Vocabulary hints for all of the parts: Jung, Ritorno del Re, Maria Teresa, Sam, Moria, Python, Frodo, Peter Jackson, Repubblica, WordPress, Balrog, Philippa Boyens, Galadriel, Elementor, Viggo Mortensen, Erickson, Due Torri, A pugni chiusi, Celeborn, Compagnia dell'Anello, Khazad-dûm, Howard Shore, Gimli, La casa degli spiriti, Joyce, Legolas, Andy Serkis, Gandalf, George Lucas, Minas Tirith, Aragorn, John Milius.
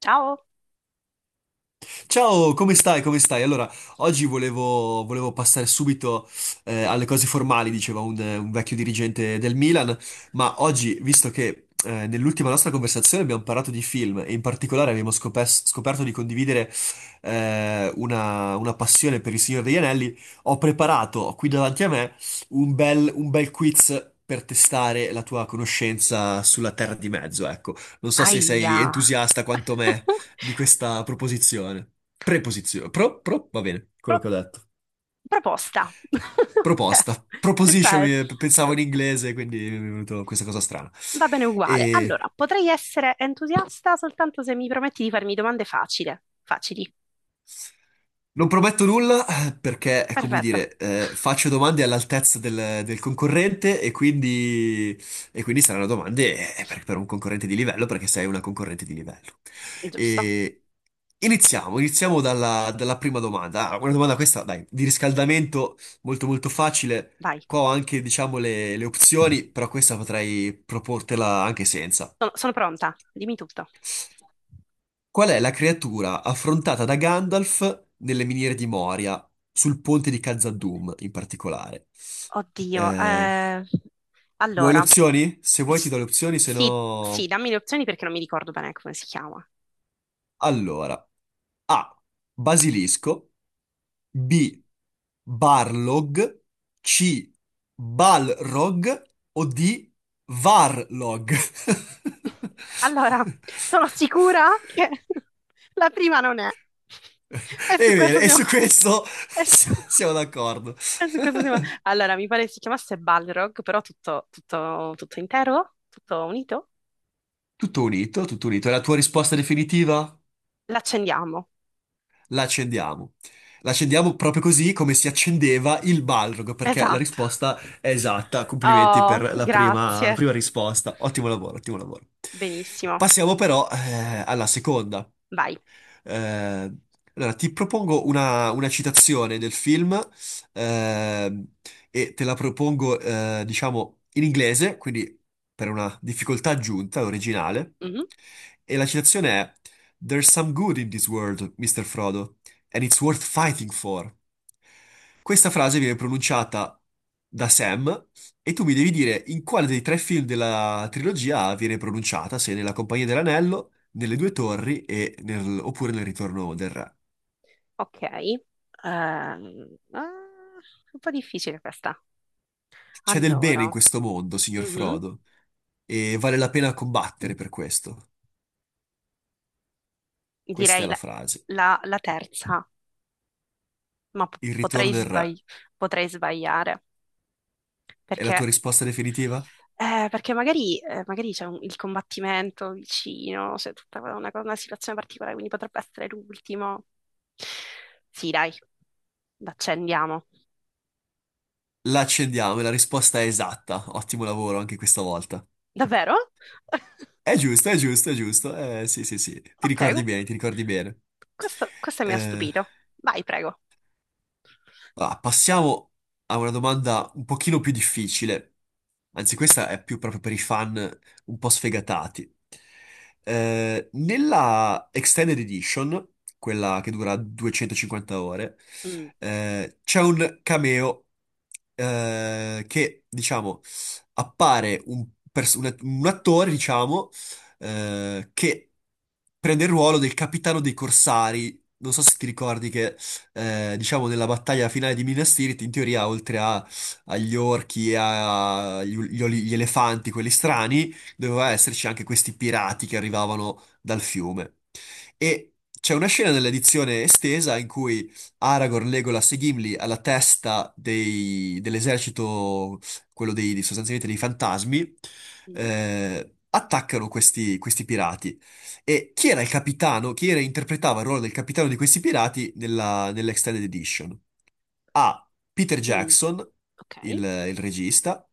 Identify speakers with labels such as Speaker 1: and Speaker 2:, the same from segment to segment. Speaker 1: Ciao.
Speaker 2: Ciao, come stai? Come stai? Allora, oggi volevo passare subito alle cose formali, diceva un vecchio dirigente del Milan, ma oggi, visto che nell'ultima nostra conversazione abbiamo parlato di film e in particolare abbiamo scoperto di condividere una passione per il Signore degli Anelli, ho preparato qui davanti a me un bel quiz per testare la tua conoscenza sulla Terra di Mezzo, ecco. Non so se
Speaker 1: Aia.
Speaker 2: sei entusiasta quanto me di questa proposizione. Preposizione. Pro, pro, va bene. Quello
Speaker 1: Pro-
Speaker 2: che ho detto.
Speaker 1: proposta. Ok,
Speaker 2: Proposta. Proposition,
Speaker 1: perfetto.
Speaker 2: pensavo
Speaker 1: Pro-
Speaker 2: in inglese, quindi mi è venuto questa cosa strana.
Speaker 1: Va bene uguale. Allora,
Speaker 2: E
Speaker 1: potrei essere entusiasta soltanto se mi prometti di farmi domande facili. Facili.
Speaker 2: non prometto nulla perché, è come
Speaker 1: Perfetto.
Speaker 2: dire, faccio domande all'altezza del concorrente e quindi saranno domande per un concorrente di livello perché sei una concorrente di livello.
Speaker 1: Giusto.
Speaker 2: E iniziamo dalla prima domanda. Una domanda questa, dai, di riscaldamento molto molto facile.
Speaker 1: Vai.
Speaker 2: Qua ho anche, diciamo, le opzioni, però questa potrei proportela anche senza.
Speaker 1: Sono pronta. Dimmi tutto.
Speaker 2: Qual è la creatura affrontata da Gandalf nelle miniere di Moria, sul ponte di Khazad-dûm in particolare?
Speaker 1: Oddio.
Speaker 2: Eh, Vuoi le
Speaker 1: Allora.
Speaker 2: opzioni? Se vuoi ti
Speaker 1: S-
Speaker 2: do le opzioni, se
Speaker 1: Sì, sì,
Speaker 2: no.
Speaker 1: dammi le opzioni perché non mi ricordo bene come si chiama.
Speaker 2: Allora, A. Basilisco, B. Barlog, C. Balrog o D. Varlog?
Speaker 1: Allora, sono sicura che la prima non è. E su
Speaker 2: È vero,
Speaker 1: questo
Speaker 2: e
Speaker 1: siamo...
Speaker 2: su questo,
Speaker 1: E su,
Speaker 2: siamo d'accordo.
Speaker 1: e su questo siamo... Allora, mi pare si chiamasse Balrog, però tutto intero, tutto unito.
Speaker 2: Tutto unito, tutto unito. È la tua risposta definitiva?
Speaker 1: L'accendiamo.
Speaker 2: La accendiamo. La accendiamo proprio così come si accendeva il Balrog, perché la
Speaker 1: Esatto.
Speaker 2: risposta è esatta. Complimenti
Speaker 1: Oh,
Speaker 2: per la prima,
Speaker 1: grazie.
Speaker 2: prima risposta. Ottimo lavoro, ottimo lavoro.
Speaker 1: Benissimo.
Speaker 2: Passiamo però alla seconda.
Speaker 1: Vai.
Speaker 2: Eh, allora, ti propongo una citazione del film, ehm, e te la propongo, diciamo, in inglese, quindi per una difficoltà aggiunta, originale.
Speaker 1: Mhm.
Speaker 2: E la citazione è: There's some good in this world, Mr. Frodo, and it's worth fighting for. Questa frase viene pronunciata da Sam e tu mi devi dire in quale dei tre film della trilogia viene pronunciata, se nella Compagnia dell'Anello, nelle Due Torri e oppure nel Ritorno del Re.
Speaker 1: Ok. Ehm, ah, un po' difficile questa.
Speaker 2: C'è del bene in
Speaker 1: Allora,
Speaker 2: questo mondo, signor
Speaker 1: mhm,
Speaker 2: Frodo, e vale la pena combattere per questo. Questa
Speaker 1: direi
Speaker 2: è la frase.
Speaker 1: la terza, ma
Speaker 2: Il Ritorno del Re.
Speaker 1: potrei sbagliare,
Speaker 2: È la
Speaker 1: perché
Speaker 2: tua risposta definitiva?
Speaker 1: magari c'è il combattimento vicino, c'è tutta una situazione particolare, quindi potrebbe essere l'ultimo. Sì, dai, l'accendiamo.
Speaker 2: La accendiamo, è la risposta è esatta. Ottimo lavoro anche questa volta.
Speaker 1: Davvero?
Speaker 2: È giusto, è giusto, è giusto. Sì, sì, sì. Ti
Speaker 1: Ok,
Speaker 2: ricordi bene, ti ricordi bene.
Speaker 1: questo mi ha
Speaker 2: Eh,
Speaker 1: stupito. Vai, prego.
Speaker 2: Allora, passiamo a una domanda un pochino più difficile, anzi questa è più proprio per i fan un po' sfegatati. Nella Extended Edition, quella che dura 250 ore,
Speaker 1: Mm,
Speaker 2: c'è un cameo che, diciamo, appare un attore, diciamo, che prende il ruolo del capitano dei corsari. Non so se ti ricordi che diciamo nella battaglia finale di Minas Tirith, in teoria oltre agli orchi e gli elefanti, quelli strani, doveva esserci anche questi pirati che arrivavano dal fiume. E c'è una scena nell'edizione estesa in cui Aragorn, Legolas e Gimli alla testa dell'esercito, quello dei, sostanzialmente dei fantasmi,
Speaker 1: mm,
Speaker 2: attaccano questi pirati. E chi era il capitano, chi era, interpretava il ruolo del capitano di questi pirati nell'Extended Edition? A. Peter
Speaker 1: mm,
Speaker 2: Jackson,
Speaker 1: ok.
Speaker 2: il regista.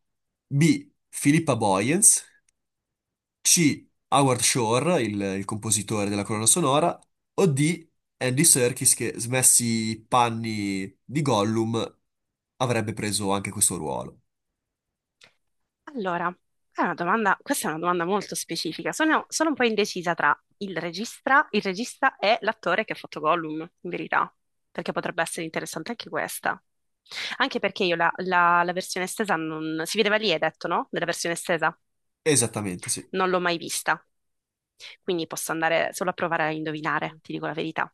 Speaker 2: B. Philippa Boyens. C. Howard Shore, il compositore della colonna sonora. O D. Andy Serkis, che smessi i panni di Gollum, avrebbe preso anche questo ruolo.
Speaker 1: Allora, è una domanda, questa è una domanda molto specifica. Sono un po' indecisa tra il regista e l'attore che ha fatto Gollum, in verità, perché potrebbe essere interessante anche questa. Anche perché io la versione estesa non... Si vedeva lì, hai detto, no? Nella versione estesa.
Speaker 2: Esattamente, sì.
Speaker 1: Non l'ho mai vista, quindi posso andare solo a provare a indovinare, ti dico la verità.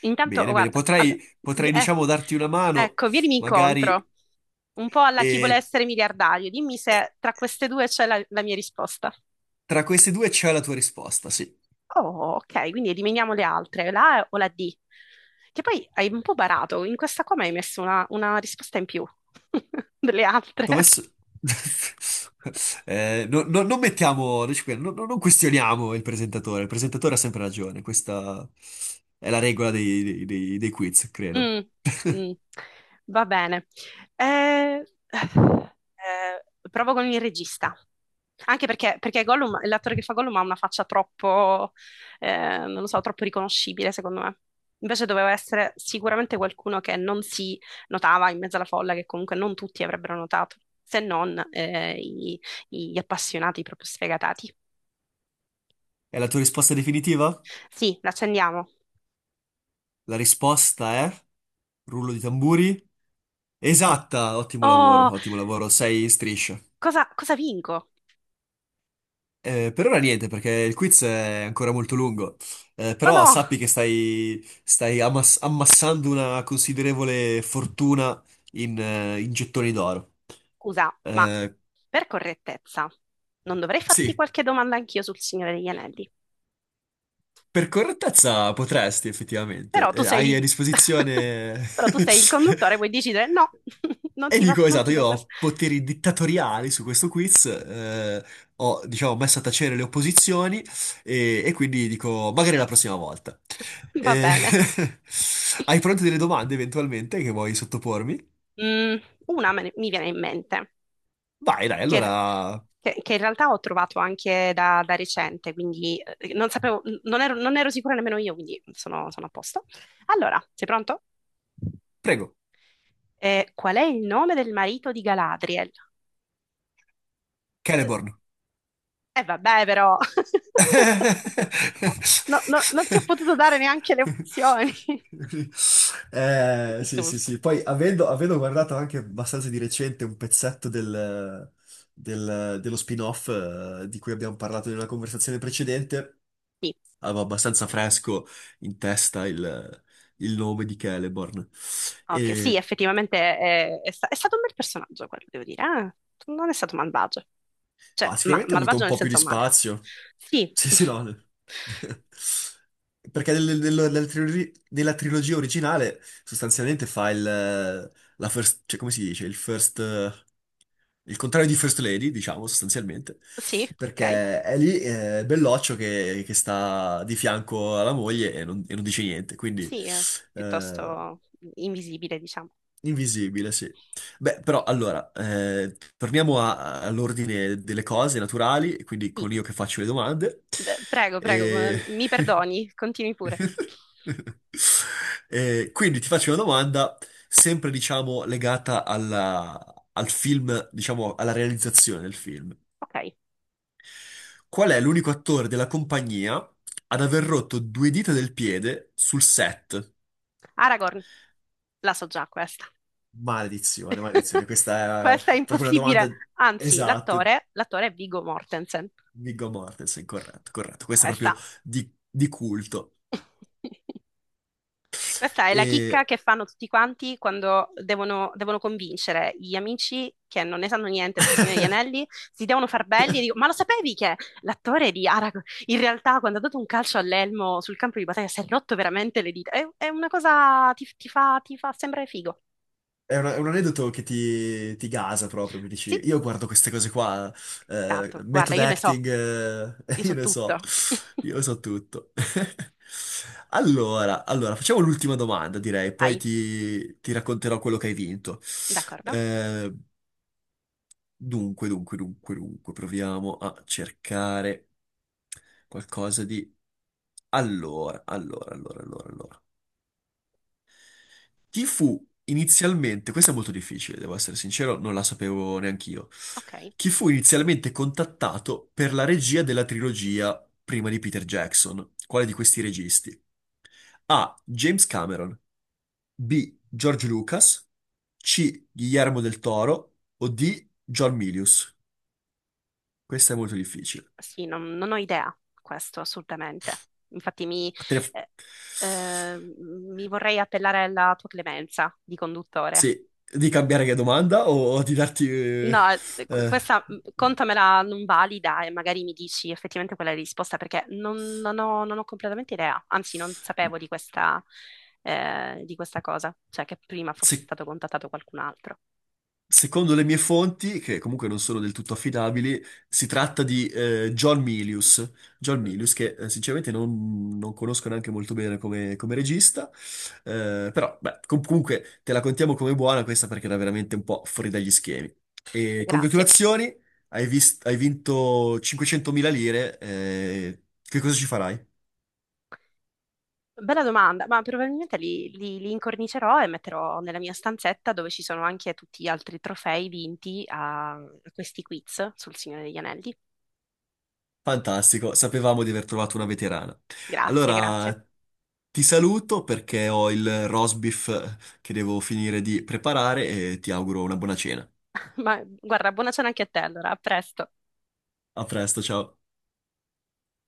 Speaker 1: Intanto, oh,
Speaker 2: Bene, bene.
Speaker 1: guarda, allora,
Speaker 2: Potrei,
Speaker 1: vi-
Speaker 2: potrei,
Speaker 1: eh,
Speaker 2: diciamo, darti una mano,
Speaker 1: ecco, vienimi
Speaker 2: magari.
Speaker 1: incontro, un po' alla chi vuole
Speaker 2: E...
Speaker 1: essere miliardario. Dimmi se tra queste due c'è la mia risposta.
Speaker 2: Tra questi due c'è la tua risposta, sì.
Speaker 1: Oh, ok, quindi eliminiamo le altre, la A o la D. Che poi hai un po' barato, in questa qua mi hai messo una risposta in più delle
Speaker 2: T'ho
Speaker 1: altre.
Speaker 2: messo- Non mettiamo, non, ci- non- non questioniamo il presentatore ha sempre ragione, questa è la regola dei quiz, credo.
Speaker 1: Mm, mm, va bene. Eh, eh, provo con il regista. Perché l'attore che fa Gollum ha una faccia troppo, non lo so, troppo riconoscibile, secondo me. Invece doveva essere sicuramente qualcuno che non si notava in mezzo alla folla, che comunque non tutti avrebbero notato, se non gli appassionati proprio sfegatati.
Speaker 2: È la tua risposta definitiva?
Speaker 1: Sì, l'accendiamo.
Speaker 2: La risposta è, rullo di tamburi, esatta. Ottimo lavoro,
Speaker 1: Oh,
Speaker 2: ottimo lavoro, sei in striscia.
Speaker 1: cosa vinco?
Speaker 2: Per ora niente, perché il quiz è ancora molto lungo.
Speaker 1: Ma
Speaker 2: Però
Speaker 1: no!
Speaker 2: sappi che stai ammassando una considerevole fortuna in gettoni d'oro.
Speaker 1: Scusa, ma
Speaker 2: Eh,
Speaker 1: per correttezza, non dovrei farti
Speaker 2: sì,
Speaker 1: qualche domanda anch'io sul Signore degli Anelli,
Speaker 2: per correttezza potresti effettivamente.
Speaker 1: però tu sei
Speaker 2: Hai a
Speaker 1: il,
Speaker 2: disposizione.
Speaker 1: però tu sei il conduttore, puoi decidere no,
Speaker 2: E dico,
Speaker 1: non
Speaker 2: esatto,
Speaker 1: ti do
Speaker 2: io
Speaker 1: questo.
Speaker 2: ho poteri dittatoriali su questo quiz, ho, diciamo, messo a tacere le opposizioni e quindi dico, magari la prossima volta.
Speaker 1: Va
Speaker 2: Eh,
Speaker 1: bene.
Speaker 2: Hai pronte delle domande eventualmente che vuoi sottopormi?
Speaker 1: Mm, una mi viene in mente,
Speaker 2: Vai, dai,
Speaker 1: che,
Speaker 2: allora,
Speaker 1: che in realtà ho trovato anche da recente, quindi non sapevo, non ero sicura nemmeno io, quindi sono a posto. Allora, sei pronto?
Speaker 2: prego,
Speaker 1: Qual è il nome del marito di Galadriel?
Speaker 2: Celeborn.
Speaker 1: E vabbè, però no, no, non ti ho potuto dare neanche le opzioni.
Speaker 2: Sì, sì,
Speaker 1: Giusto.
Speaker 2: sì. Poi avendo guardato anche abbastanza di recente un pezzetto dello spin-off di cui abbiamo parlato in una conversazione precedente,
Speaker 1: Sì,
Speaker 2: avevo abbastanza fresco in testa il nome di Celeborn.
Speaker 1: ok, sì,
Speaker 2: E
Speaker 1: effettivamente è stato un bel personaggio quello, devo dire. Eh. Non è stato malvagio. Cioè,
Speaker 2: Sicuramente ha avuto
Speaker 1: malvagio
Speaker 2: un
Speaker 1: nel
Speaker 2: po' più di
Speaker 1: senso male.
Speaker 2: spazio.
Speaker 1: Sì,
Speaker 2: Sì, sì, no. Perché nella trilogia originale sostanzialmente fa il, la first, cioè come si dice? Il first, il contrario di First Lady, diciamo, sostanzialmente.
Speaker 1: sì, ok.
Speaker 2: Perché è lì belloccio che sta di fianco alla moglie e non dice niente. Quindi,
Speaker 1: Sì, è
Speaker 2: eh,
Speaker 1: piuttosto invisibile, diciamo.
Speaker 2: invisibile, sì. Beh, però allora, torniamo all'ordine delle cose naturali, quindi
Speaker 1: Sì.
Speaker 2: con io che faccio le domande.
Speaker 1: Beh, prego,
Speaker 2: E...
Speaker 1: mi perdoni, continui pure.
Speaker 2: E quindi ti faccio una domanda, sempre diciamo legata al film, diciamo alla realizzazione del film.
Speaker 1: Ok,
Speaker 2: Qual è l'unico attore della compagnia ad aver rotto due dita del piede sul set?
Speaker 1: Aragorn, la so già questa.
Speaker 2: Maledizione, maledizione, questa è
Speaker 1: Questa è
Speaker 2: proprio una domanda
Speaker 1: impossibile. Anzi,
Speaker 2: esatta,
Speaker 1: l'attore è Viggo Mortensen.
Speaker 2: Viggo Mortensen, corretto, corretto, questa è proprio
Speaker 1: Questa.
Speaker 2: di culto.
Speaker 1: Questa è la
Speaker 2: E
Speaker 1: chicca che fanno tutti quanti quando devono, devono convincere gli amici che non ne sanno niente del Signore degli Anelli, si devono far belli e dico, ma lo sapevi che l'attore di Aragorn in realtà quando ha dato un calcio all'elmo sul campo di battaglia si è rotto veramente le dita? È una cosa, ti fa sembrare figo.
Speaker 2: è, è un aneddoto che ti gasa proprio, mi dici,
Speaker 1: Sì,
Speaker 2: io guardo queste cose qua,
Speaker 1: esatto, guarda,
Speaker 2: method
Speaker 1: io ne so,
Speaker 2: acting,
Speaker 1: io so tutto.
Speaker 2: io ne so tutto. Allora, allora, facciamo l'ultima domanda, direi, poi
Speaker 1: Vai.
Speaker 2: ti racconterò quello che hai vinto.
Speaker 1: D'accordo?
Speaker 2: Eh, Dunque, dunque, dunque, dunque, proviamo a cercare qualcosa di. Allora, allora, allora, allora, allora. Chi fu inizialmente, questo è molto difficile, devo essere sincero, non la sapevo neanch'io.
Speaker 1: Ok.
Speaker 2: Chi fu inizialmente contattato per la regia della trilogia prima di Peter Jackson? Quale di questi registi? A. James Cameron, B. George Lucas, C. Guillermo del Toro o D. John Milius? Questa è molto difficile.
Speaker 1: Sì, non ho idea, questo assolutamente. Infatti mi,
Speaker 2: Te ne f-
Speaker 1: eh, mi vorrei appellare alla tua clemenza di conduttore.
Speaker 2: Sì, di cambiare che domanda o di darti.
Speaker 1: No,
Speaker 2: Eh,
Speaker 1: questa mm, contamela non valida e magari mi dici effettivamente qual è la risposta perché non ho, non ho completamente idea, anzi non sapevo di questa cosa, cioè che prima fosse
Speaker 2: se-
Speaker 1: stato contattato qualcun altro.
Speaker 2: Secondo le mie fonti, che comunque non sono del tutto affidabili, si tratta di John Milius. John
Speaker 1: Mm,
Speaker 2: Milius, che sinceramente non conosco neanche molto bene come regista, però beh, comunque te la contiamo come buona questa perché era veramente un po' fuori dagli schemi. E
Speaker 1: grazie.
Speaker 2: congratulazioni, hai vinto 500.000 lire, che cosa ci farai?
Speaker 1: Bella domanda, ma probabilmente li incornicerò e metterò nella mia stanzetta dove ci sono anche tutti gli altri trofei vinti a a questi quiz sul Signore degli Anelli.
Speaker 2: Fantastico, sapevamo di aver trovato una veterana.
Speaker 1: Grazie,
Speaker 2: Allora,
Speaker 1: grazie.
Speaker 2: ti saluto perché ho il roast beef che devo finire di preparare e ti auguro una buona cena.
Speaker 1: Ma guarda, buona cena anche a te allora, a presto.
Speaker 2: A presto, ciao.